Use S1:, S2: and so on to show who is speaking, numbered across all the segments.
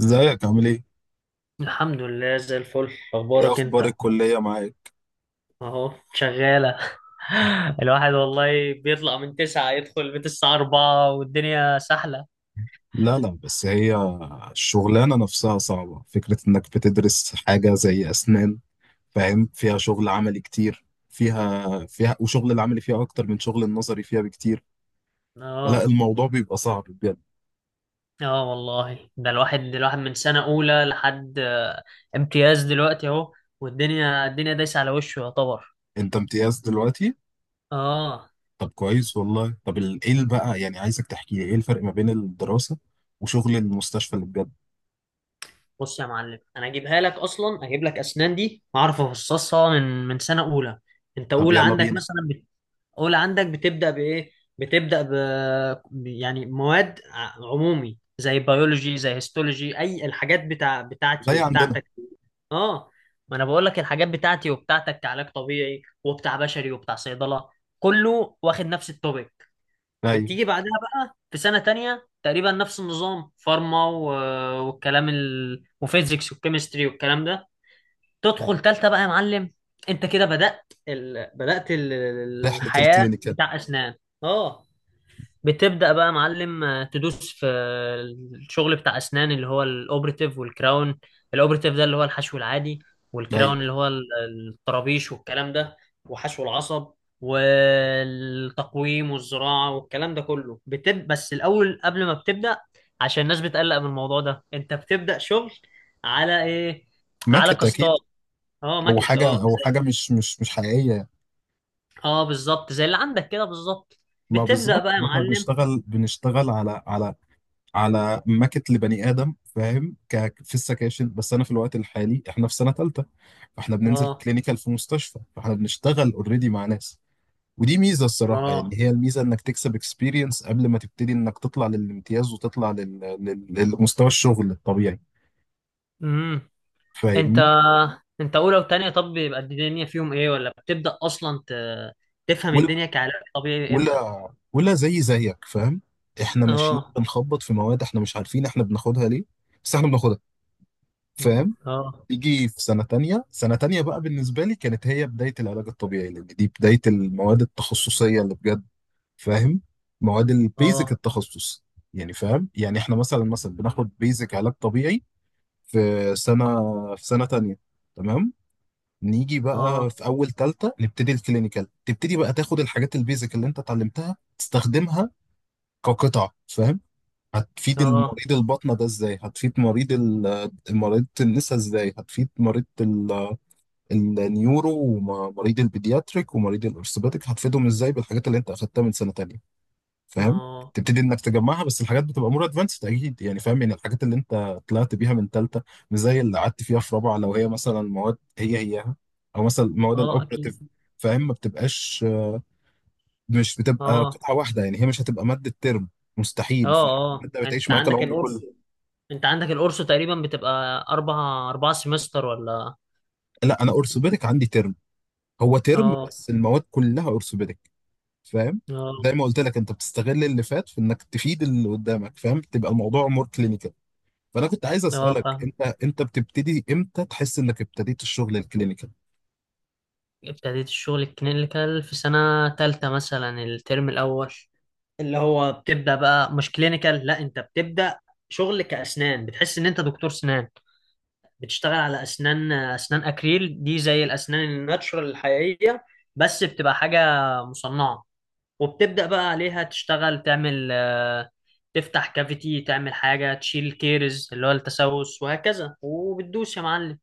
S1: ازيك؟ عامل ايه؟
S2: الحمد لله زي الفل.
S1: ايه
S2: اخبارك
S1: اخبار
S2: انت؟
S1: الكلية معاك؟
S2: اهو شغاله. الواحد والله بيطلع من تسعة يدخل البيت الساعة أربعة والدنيا سهلة.
S1: لا لا، بس هي الشغلانة نفسها صعبة، فكرة انك بتدرس حاجة زي اسنان، فاهم؟ فيها شغل عملي كتير، فيها وشغل العملي فيها اكتر من شغل النظري فيها بكتير. فلا،
S2: اه.
S1: الموضوع بيبقى صعب بجد.
S2: اه والله ده الواحد من سنة أولى لحد امتياز دلوقتي اهو. والدنيا الدنيا دايسة على وشه يعتبر.
S1: انت امتياز دلوقتي؟
S2: اه.
S1: طب كويس والله. طب ايه اللي بقى يعني؟ عايزك تحكي لي ايه الفرق ما بين الدراسة وشغل المستشفى اللي بجد؟
S2: بص يا معلم انا اجيبها لك اصلا اجيب لك اسنان دي اعرف افصصها من سنة أولى. انت
S1: طب
S2: أولى
S1: يلا
S2: عندك
S1: بينا.
S2: مثلا. اولى عندك بتبدا بايه؟ بتبدا ب يعني مواد عمومي زي بيولوجي زي هيستولوجي اي الحاجات بتاعتي
S1: زي عندنا.
S2: وبتاعتك. اه. ما انا بقول لك الحاجات بتاعتي وبتاعتك كعلاج طبيعي وبتاع بشري وبتاع صيدله كله واخد نفس التوبيك.
S1: ايوه.
S2: بتيجي بعدها بقى في سنه تانية تقريبا نفس النظام فارما وفيزيكس والكيمستري والكلام ده. تدخل تالتة بقى يا معلم. انت كده
S1: رحلة
S2: الحياة
S1: الكلينيكال.
S2: بتاع أسنان. اه. بتبدأ بقى يا معلم تدوس في الشغل بتاع أسنان اللي هو الأوبرتيف والكراون. الأوبرتيف ده اللي هو الحشو العادي. والكراون
S1: ايوه،
S2: اللي هو الطرابيش والكلام ده. وحشو العصب والتقويم والزراعة والكلام ده كله بس الأول قبل ما بتبدأ عشان الناس بتقلق من الموضوع ده انت بتبدأ شغل على ايه؟ على
S1: ماكت
S2: كاستات.
S1: اكيد.
S2: اه
S1: او
S2: ماكت.
S1: حاجه،
S2: اه
S1: او حاجه مش حقيقيه.
S2: اه بالظبط زي اللي عندك كده بالظبط.
S1: ما
S2: بتبدأ
S1: بالظبط.
S2: بقى يا
S1: واحنا
S2: معلم.
S1: بنشتغل على على ماكت لبني ادم، فاهم؟ في السكاشن. بس انا في الوقت الحالي احنا في سنه ثالثه، فاحنا بننزل
S2: اه
S1: كلينيكال في مستشفى، فاحنا بنشتغل اوريدي مع ناس. ودي ميزه الصراحه، يعني
S2: اه.
S1: هي الميزه انك تكسب اكسبيرينس قبل ما تبتدي، انك تطلع للامتياز وتطلع للمستوى الشغل الطبيعي.
S2: امم انت
S1: فاهمني؟
S2: انت اولى وتانية طب بيبقى الدنيا فيهم ايه ولا بتبدأ اصلا تفهم الدنيا كعلاج طبيعي امتى؟
S1: ولا ولا، زي زيك فاهم. احنا ماشيين
S2: اه.
S1: بنخبط في مواد، احنا مش عارفين احنا بناخدها ليه، بس احنا بناخدها، فاهم؟
S2: اه.
S1: يجي في سنة تانية. سنة تانية بقى بالنسبة لي كانت هي بداية العلاج الطبيعي، لأن دي بداية المواد التخصصية اللي بجد، فاهم؟ مواد البيزك
S2: اه.
S1: التخصص، يعني فاهم؟ يعني احنا مثلا بناخد بيزك علاج طبيعي في سنة في سنة تانية. تمام. نيجي بقى
S2: اه.
S1: في أول تالتة نبتدي الكلينيكال، تبتدي بقى تاخد الحاجات البيزك اللي انت اتعلمتها تستخدمها كقطع، فاهم؟ هتفيد
S2: اه.
S1: المريض البطنة ده ازاي، هتفيد مريض مريض النساء ازاي، هتفيد مريض النيورو ومريض البيدياتريك ومريض الارثوباتيك هتفيدهم ازاي بالحاجات اللي انت اخدتها من سنة تانية،
S2: اه.
S1: فاهم؟
S2: اه.
S1: تبتدي انك تجمعها، بس الحاجات بتبقى مور ادفانسد اكيد يعني، فاهم؟ يعني الحاجات اللي انت طلعت بيها من تالتة مش زي اللي قعدت فيها في رابعة، لو هي مثلا مواد هياها، او مثلا المواد
S2: اه، اكيد.
S1: الاوبراتيف، فاهم؟ ما بتبقاش، مش بتبقى
S2: اه.
S1: قطعة واحدة يعني، هي مش هتبقى مادة ترم، مستحيل، فاهم؟
S2: اه. اه
S1: المادة بتعيش معاك العمر كله.
S2: انت عندك القرص تقريبا بتبقى اربع سمستر ولا؟
S1: لا، أنا أورثوبيدك عندي ترم، هو ترم
S2: اه.
S1: بس المواد كلها أورثوبيدك، فاهم؟ زي
S2: اه.
S1: ما قلت لك، أنت بتستغل اللي فات في إنك تفيد اللي قدامك، فاهم؟ تبقى الموضوع مور كلينيكال. فأنا كنت عايز
S2: اه
S1: أسألك،
S2: فاهم.
S1: أنت بتبتدي إمتى تحس إنك ابتديت الشغل الكلينيكال؟
S2: ابتديت الشغل الكلينيكال في سنة تالتة مثلا الترم الأول اللي هو بتبدأ بقى مش كلينيكال. لا أنت بتبدأ شغل كأسنان بتحس إن أنت دكتور سنان. بتشتغل على أسنان. أسنان أكريل دي زي الأسنان الناتشورال الحقيقية بس بتبقى حاجة مصنعة. وبتبدأ بقى عليها تشتغل تعمل تفتح كافيتي تعمل حاجة تشيل كيرز اللي هو التسوس وهكذا وبتدوس يا معلم.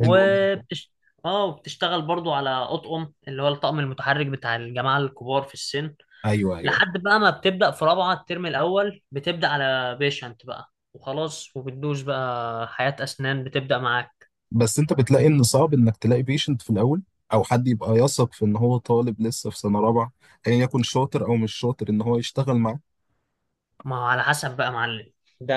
S1: حلو جدا.
S2: وبتش... اه وبتشتغل برضو على اطقم اللي هو الطقم المتحرك بتاع الجماعه الكبار في السن.
S1: أيوه،
S2: لحد
S1: أيوه.
S2: بقى ما بتبدا في رابعه الترم الاول بتبدا على بيشنت بقى وخلاص وبتدوس بقى حياه اسنان بتبدا معاك.
S1: بس أنت بتلاقي إن صعب إنك تلاقي بيشنت في الأول، أو حد يبقى يثق في إن هو طالب لسه في سنة رابعة، أيا يعني يكن شاطر أو مش شاطر إن هو يشتغل معاك.
S2: ما هو على حسب بقى يا معلم. ده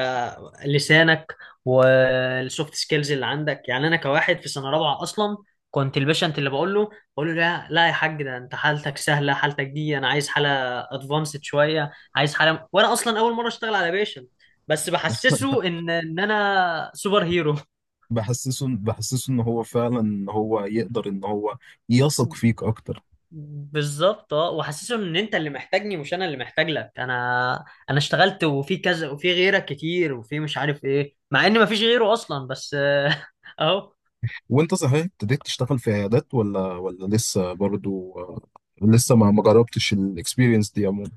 S2: لسانك والسوفت سكيلز اللي عندك. يعني انا كواحد في سنه رابعه اصلا كنت البيشنت اللي بقول له. بقول له لا لا يا حاج ده انت حالتك سهله. حالتك دي انا عايز حاله ادفانسد شويه. عايز حاله وانا اصلا اول مره اشتغل على بيشنت بس بحسسه ان انا سوبر هيرو.
S1: بحسسه ان هو فعلا، ان هو يقدر، ان هو يثق فيك اكتر.
S2: بالظبط. اه وحاسسهم ان انت اللي محتاجني مش انا اللي محتاج لك. انا اشتغلت وفي كذا وفي غيرك كتير وفي مش عارف ايه مع ان مفيش غيره اصلا بس اهو.
S1: وانت صحيح ابتديت تشتغل في عيادات ولا ولا لسه برضو؟ لسه ما جربتش الاكسبيرينس دي عموما.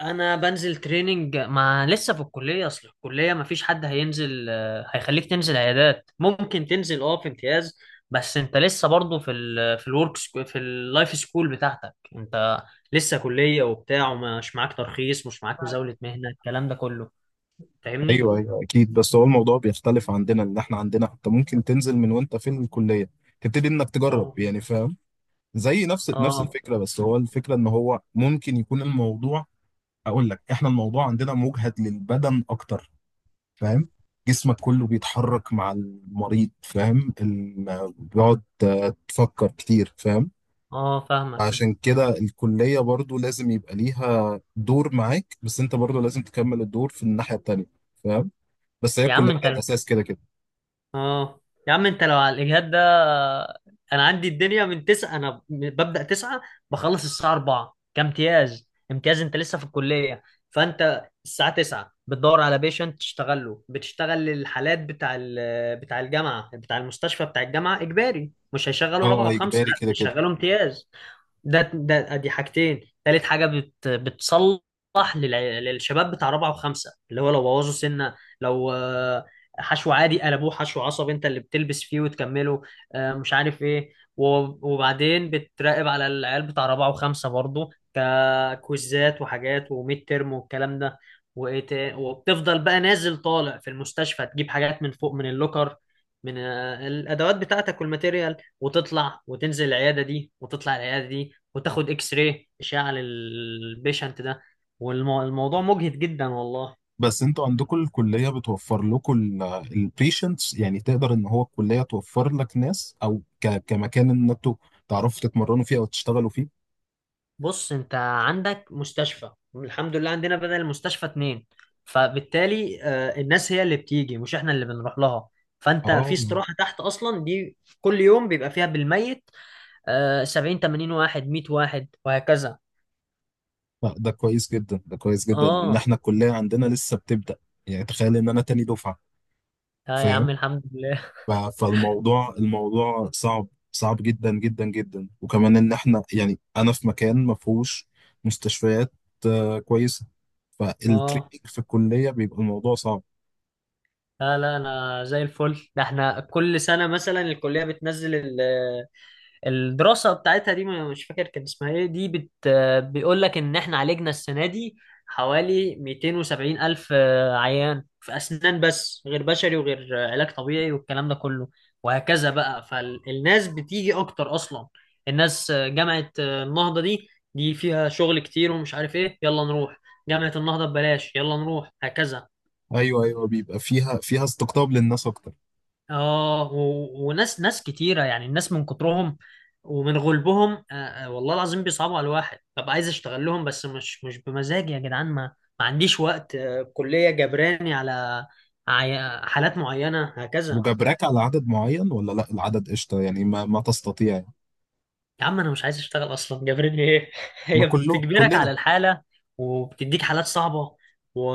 S2: انا بنزل تريننج ما لسه في الكليه. اصل الكليه مفيش حد هينزل هيخليك تنزل عيادات. ممكن تنزل في امتياز بس انت لسه برضه في اللايف سكول بتاعتك انت. لسه كليه وبتاع ومش معاك ترخيص. مش معاك مزاوله مهنه الكلام ده كله. فاهمني؟
S1: ايوه، ايوه، اكيد. بس هو الموضوع بيختلف عندنا، ان احنا عندنا حتى ممكن تنزل من وانت في الكليه، تبتدي انك تجرب
S2: آه.
S1: يعني، فاهم؟ زي نفس
S2: اه
S1: الفكره، بس هو الفكره ان هو ممكن يكون الموضوع، اقول لك، احنا الموضوع عندنا مجهد للبدن اكتر، فاهم؟ جسمك كله بيتحرك مع المريض، فاهم؟ بيقعد، تفكر كتير، فاهم؟
S2: اه فاهمك.
S1: عشان كده الكلية برضو لازم يبقى ليها دور معاك، بس انت برضو لازم تكمل الدور في الناحية التانية، فاهم؟ بس هي
S2: يا عم
S1: الكلية
S2: انت
S1: هي الأساس كده كده.
S2: اه يا عم انت لو على الاجهاد ده انا عندي الدنيا من تسعة. انا ببدأ تسعة بخلص الساعة أربعة كامتياز. امتياز انت لسه في الكلية. فانت الساعة تسعة بتدور على بيشنت تشتغل له. بتشتغل الحالات بتاع الجامعة بتاع المستشفى. بتاع الجامعة اجباري مش هيشغلوا رابعة
S1: اه،
S2: وخمسة.
S1: إجباري
S2: لا
S1: كده كده.
S2: بيشغلوا امتياز. ده دي حاجتين. تالت حاجه بتصلح للشباب بتاع رابعه وخمسه اللي هو لو بوظوا سنه. لو حشو عادي قلبوه حشو عصب انت اللي بتلبس فيه وتكمله. مش عارف ايه وبعدين بتراقب على العيال بتاع رابعه وخمسه برضو ككويزات وحاجات وميد ترم والكلام ده. وبتفضل بقى نازل طالع في المستشفى تجيب حاجات من فوق من اللوكر. من الادوات بتاعتك والماتيريال وتطلع وتنزل العياده دي وتطلع العياده دي وتاخد اكس راي اشعه للبيشنت ده. والموضوع مجهد جدا والله.
S1: بس انتوا عندكم الكلية بتوفر لكم البيشنتس يعني؟ تقدر ان هو الكلية توفر لك ناس، او كمكان ان انتوا تعرفوا تتمرنوا فيه او تشتغلوا فيه؟
S2: بص انت عندك مستشفى. الحمد لله عندنا بدل المستشفى اتنين. فبالتالي الناس هي اللي بتيجي مش احنا اللي بنروح لها. فانت في
S1: اه.
S2: استراحة تحت اصلا دي كل يوم بيبقى فيها بالميت 70 80 واحد 100 واحد وهكذا.
S1: لا، ده كويس جدا، ده كويس جدا، ان
S2: اه.
S1: احنا الكليه عندنا لسه بتبدا. يعني تخيل ان انا تاني دفعه،
S2: اه يا
S1: فاهم؟
S2: عم الحمد لله.
S1: فالموضوع، الموضوع صعب، صعب جدا جدا جدا، وكمان ان احنا يعني انا في مكان ما فيهوش مستشفيات كويسه،
S2: اه.
S1: فالتريننج في الكليه بيبقى الموضوع صعب.
S2: لا لا، انا زي الفل. ده احنا كل سنة مثلا الكلية بتنزل الدراسة بتاعتها دي مش فاكر كان اسمها ايه دي بيقول لك ان احنا عالجنا السنة دي حوالي 270 ألف عيان في أسنان بس غير بشري وغير علاج طبيعي والكلام ده كله. وهكذا بقى فالناس بتيجي أكتر أصلا. الناس جامعة النهضة دي فيها شغل كتير ومش عارف ايه يلا نروح جامعة النهضة ببلاش يلا نروح هكذا.
S1: ايوه، ايوه، بيبقى فيها استقطاب للناس اكتر.
S2: اه وناس ناس كتيرة يعني الناس من كترهم ومن غلبهم والله العظيم بيصعبوا على الواحد. ببقى عايز اشتغل لهم بس مش بمزاجي يا جدعان. ما عنديش وقت. الكلية جبراني على حالات معينة هكذا.
S1: وجبراك على عدد معين ولا لا؟ العدد قشطه يعني، ما تستطيع يعني.
S2: يا عم انا مش عايز اشتغل اصلا جبراني ايه؟
S1: ما
S2: هي بتجبرك على
S1: كلنا.
S2: الحالة وبتديك حالات صعبة و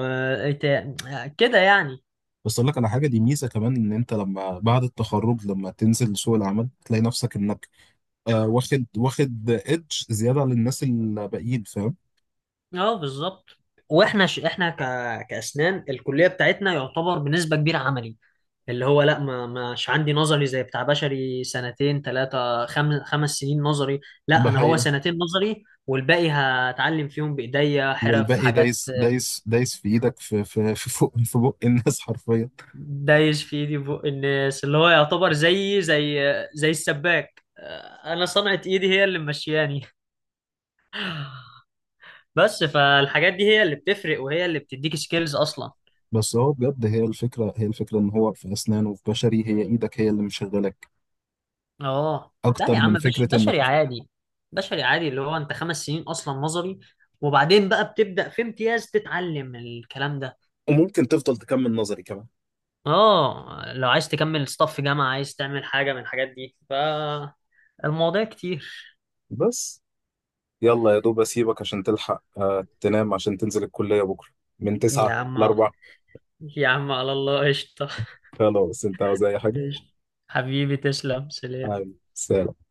S2: إت- كده يعني.
S1: بس اقول لك على حاجه، دي ميزه كمان، ان انت لما بعد التخرج لما تنزل سوق العمل تلاقي نفسك انك واخد ايدج زياده عن الناس الباقيين، فاهم؟
S2: اه بالظبط. واحنا ش... احنا ك... كاسنان الكلية بتاعتنا يعتبر بنسبة كبيرة عملي اللي هو لا ما مش عندي نظري زي بتاع بشري. سنتين ثلاثة خمس سنين نظري. لا
S1: ده
S2: أنا هو
S1: حقيقه.
S2: سنتين نظري والباقي هتعلم فيهم بإيديا حرف
S1: والباقي
S2: حاجات.
S1: دايس دايس دايس في ايدك، في فوق في بق الناس حرفيا.
S2: دايش في ايدي بق الناس اللي هو يعتبر زي زي السباك. انا صنعة ايدي هي اللي ممشياني بس. فالحاجات دي هي اللي بتفرق وهي اللي بتديك سكيلز اصلا.
S1: بس هو بجد هي الفكره ان هو في اسنان وفي بشري هي ايدك هي اللي مشغلك،
S2: اه. لا
S1: اكتر
S2: يا عم.
S1: من فكره
S2: بشري
S1: انك.
S2: عادي. بشري عادي اللي هو انت خمس سنين اصلا نظري وبعدين بقى بتبدأ في امتياز تتعلم الكلام ده.
S1: وممكن تفضل تكمل نظري كمان
S2: اه لو عايز تكمل ستاف في جامعة عايز تعمل حاجة من الحاجات دي فالمواضيع كتير.
S1: بس. يلا يا دوب اسيبك عشان تلحق تنام عشان تنزل الكليه بكره من
S2: يا
S1: 9
S2: عم
S1: ل...
S2: يا عم على الله قشطة.
S1: خلاص، انت عاوز اي حاجه؟
S2: قشطة. حبيبي تسلم. سلام.
S1: عاوز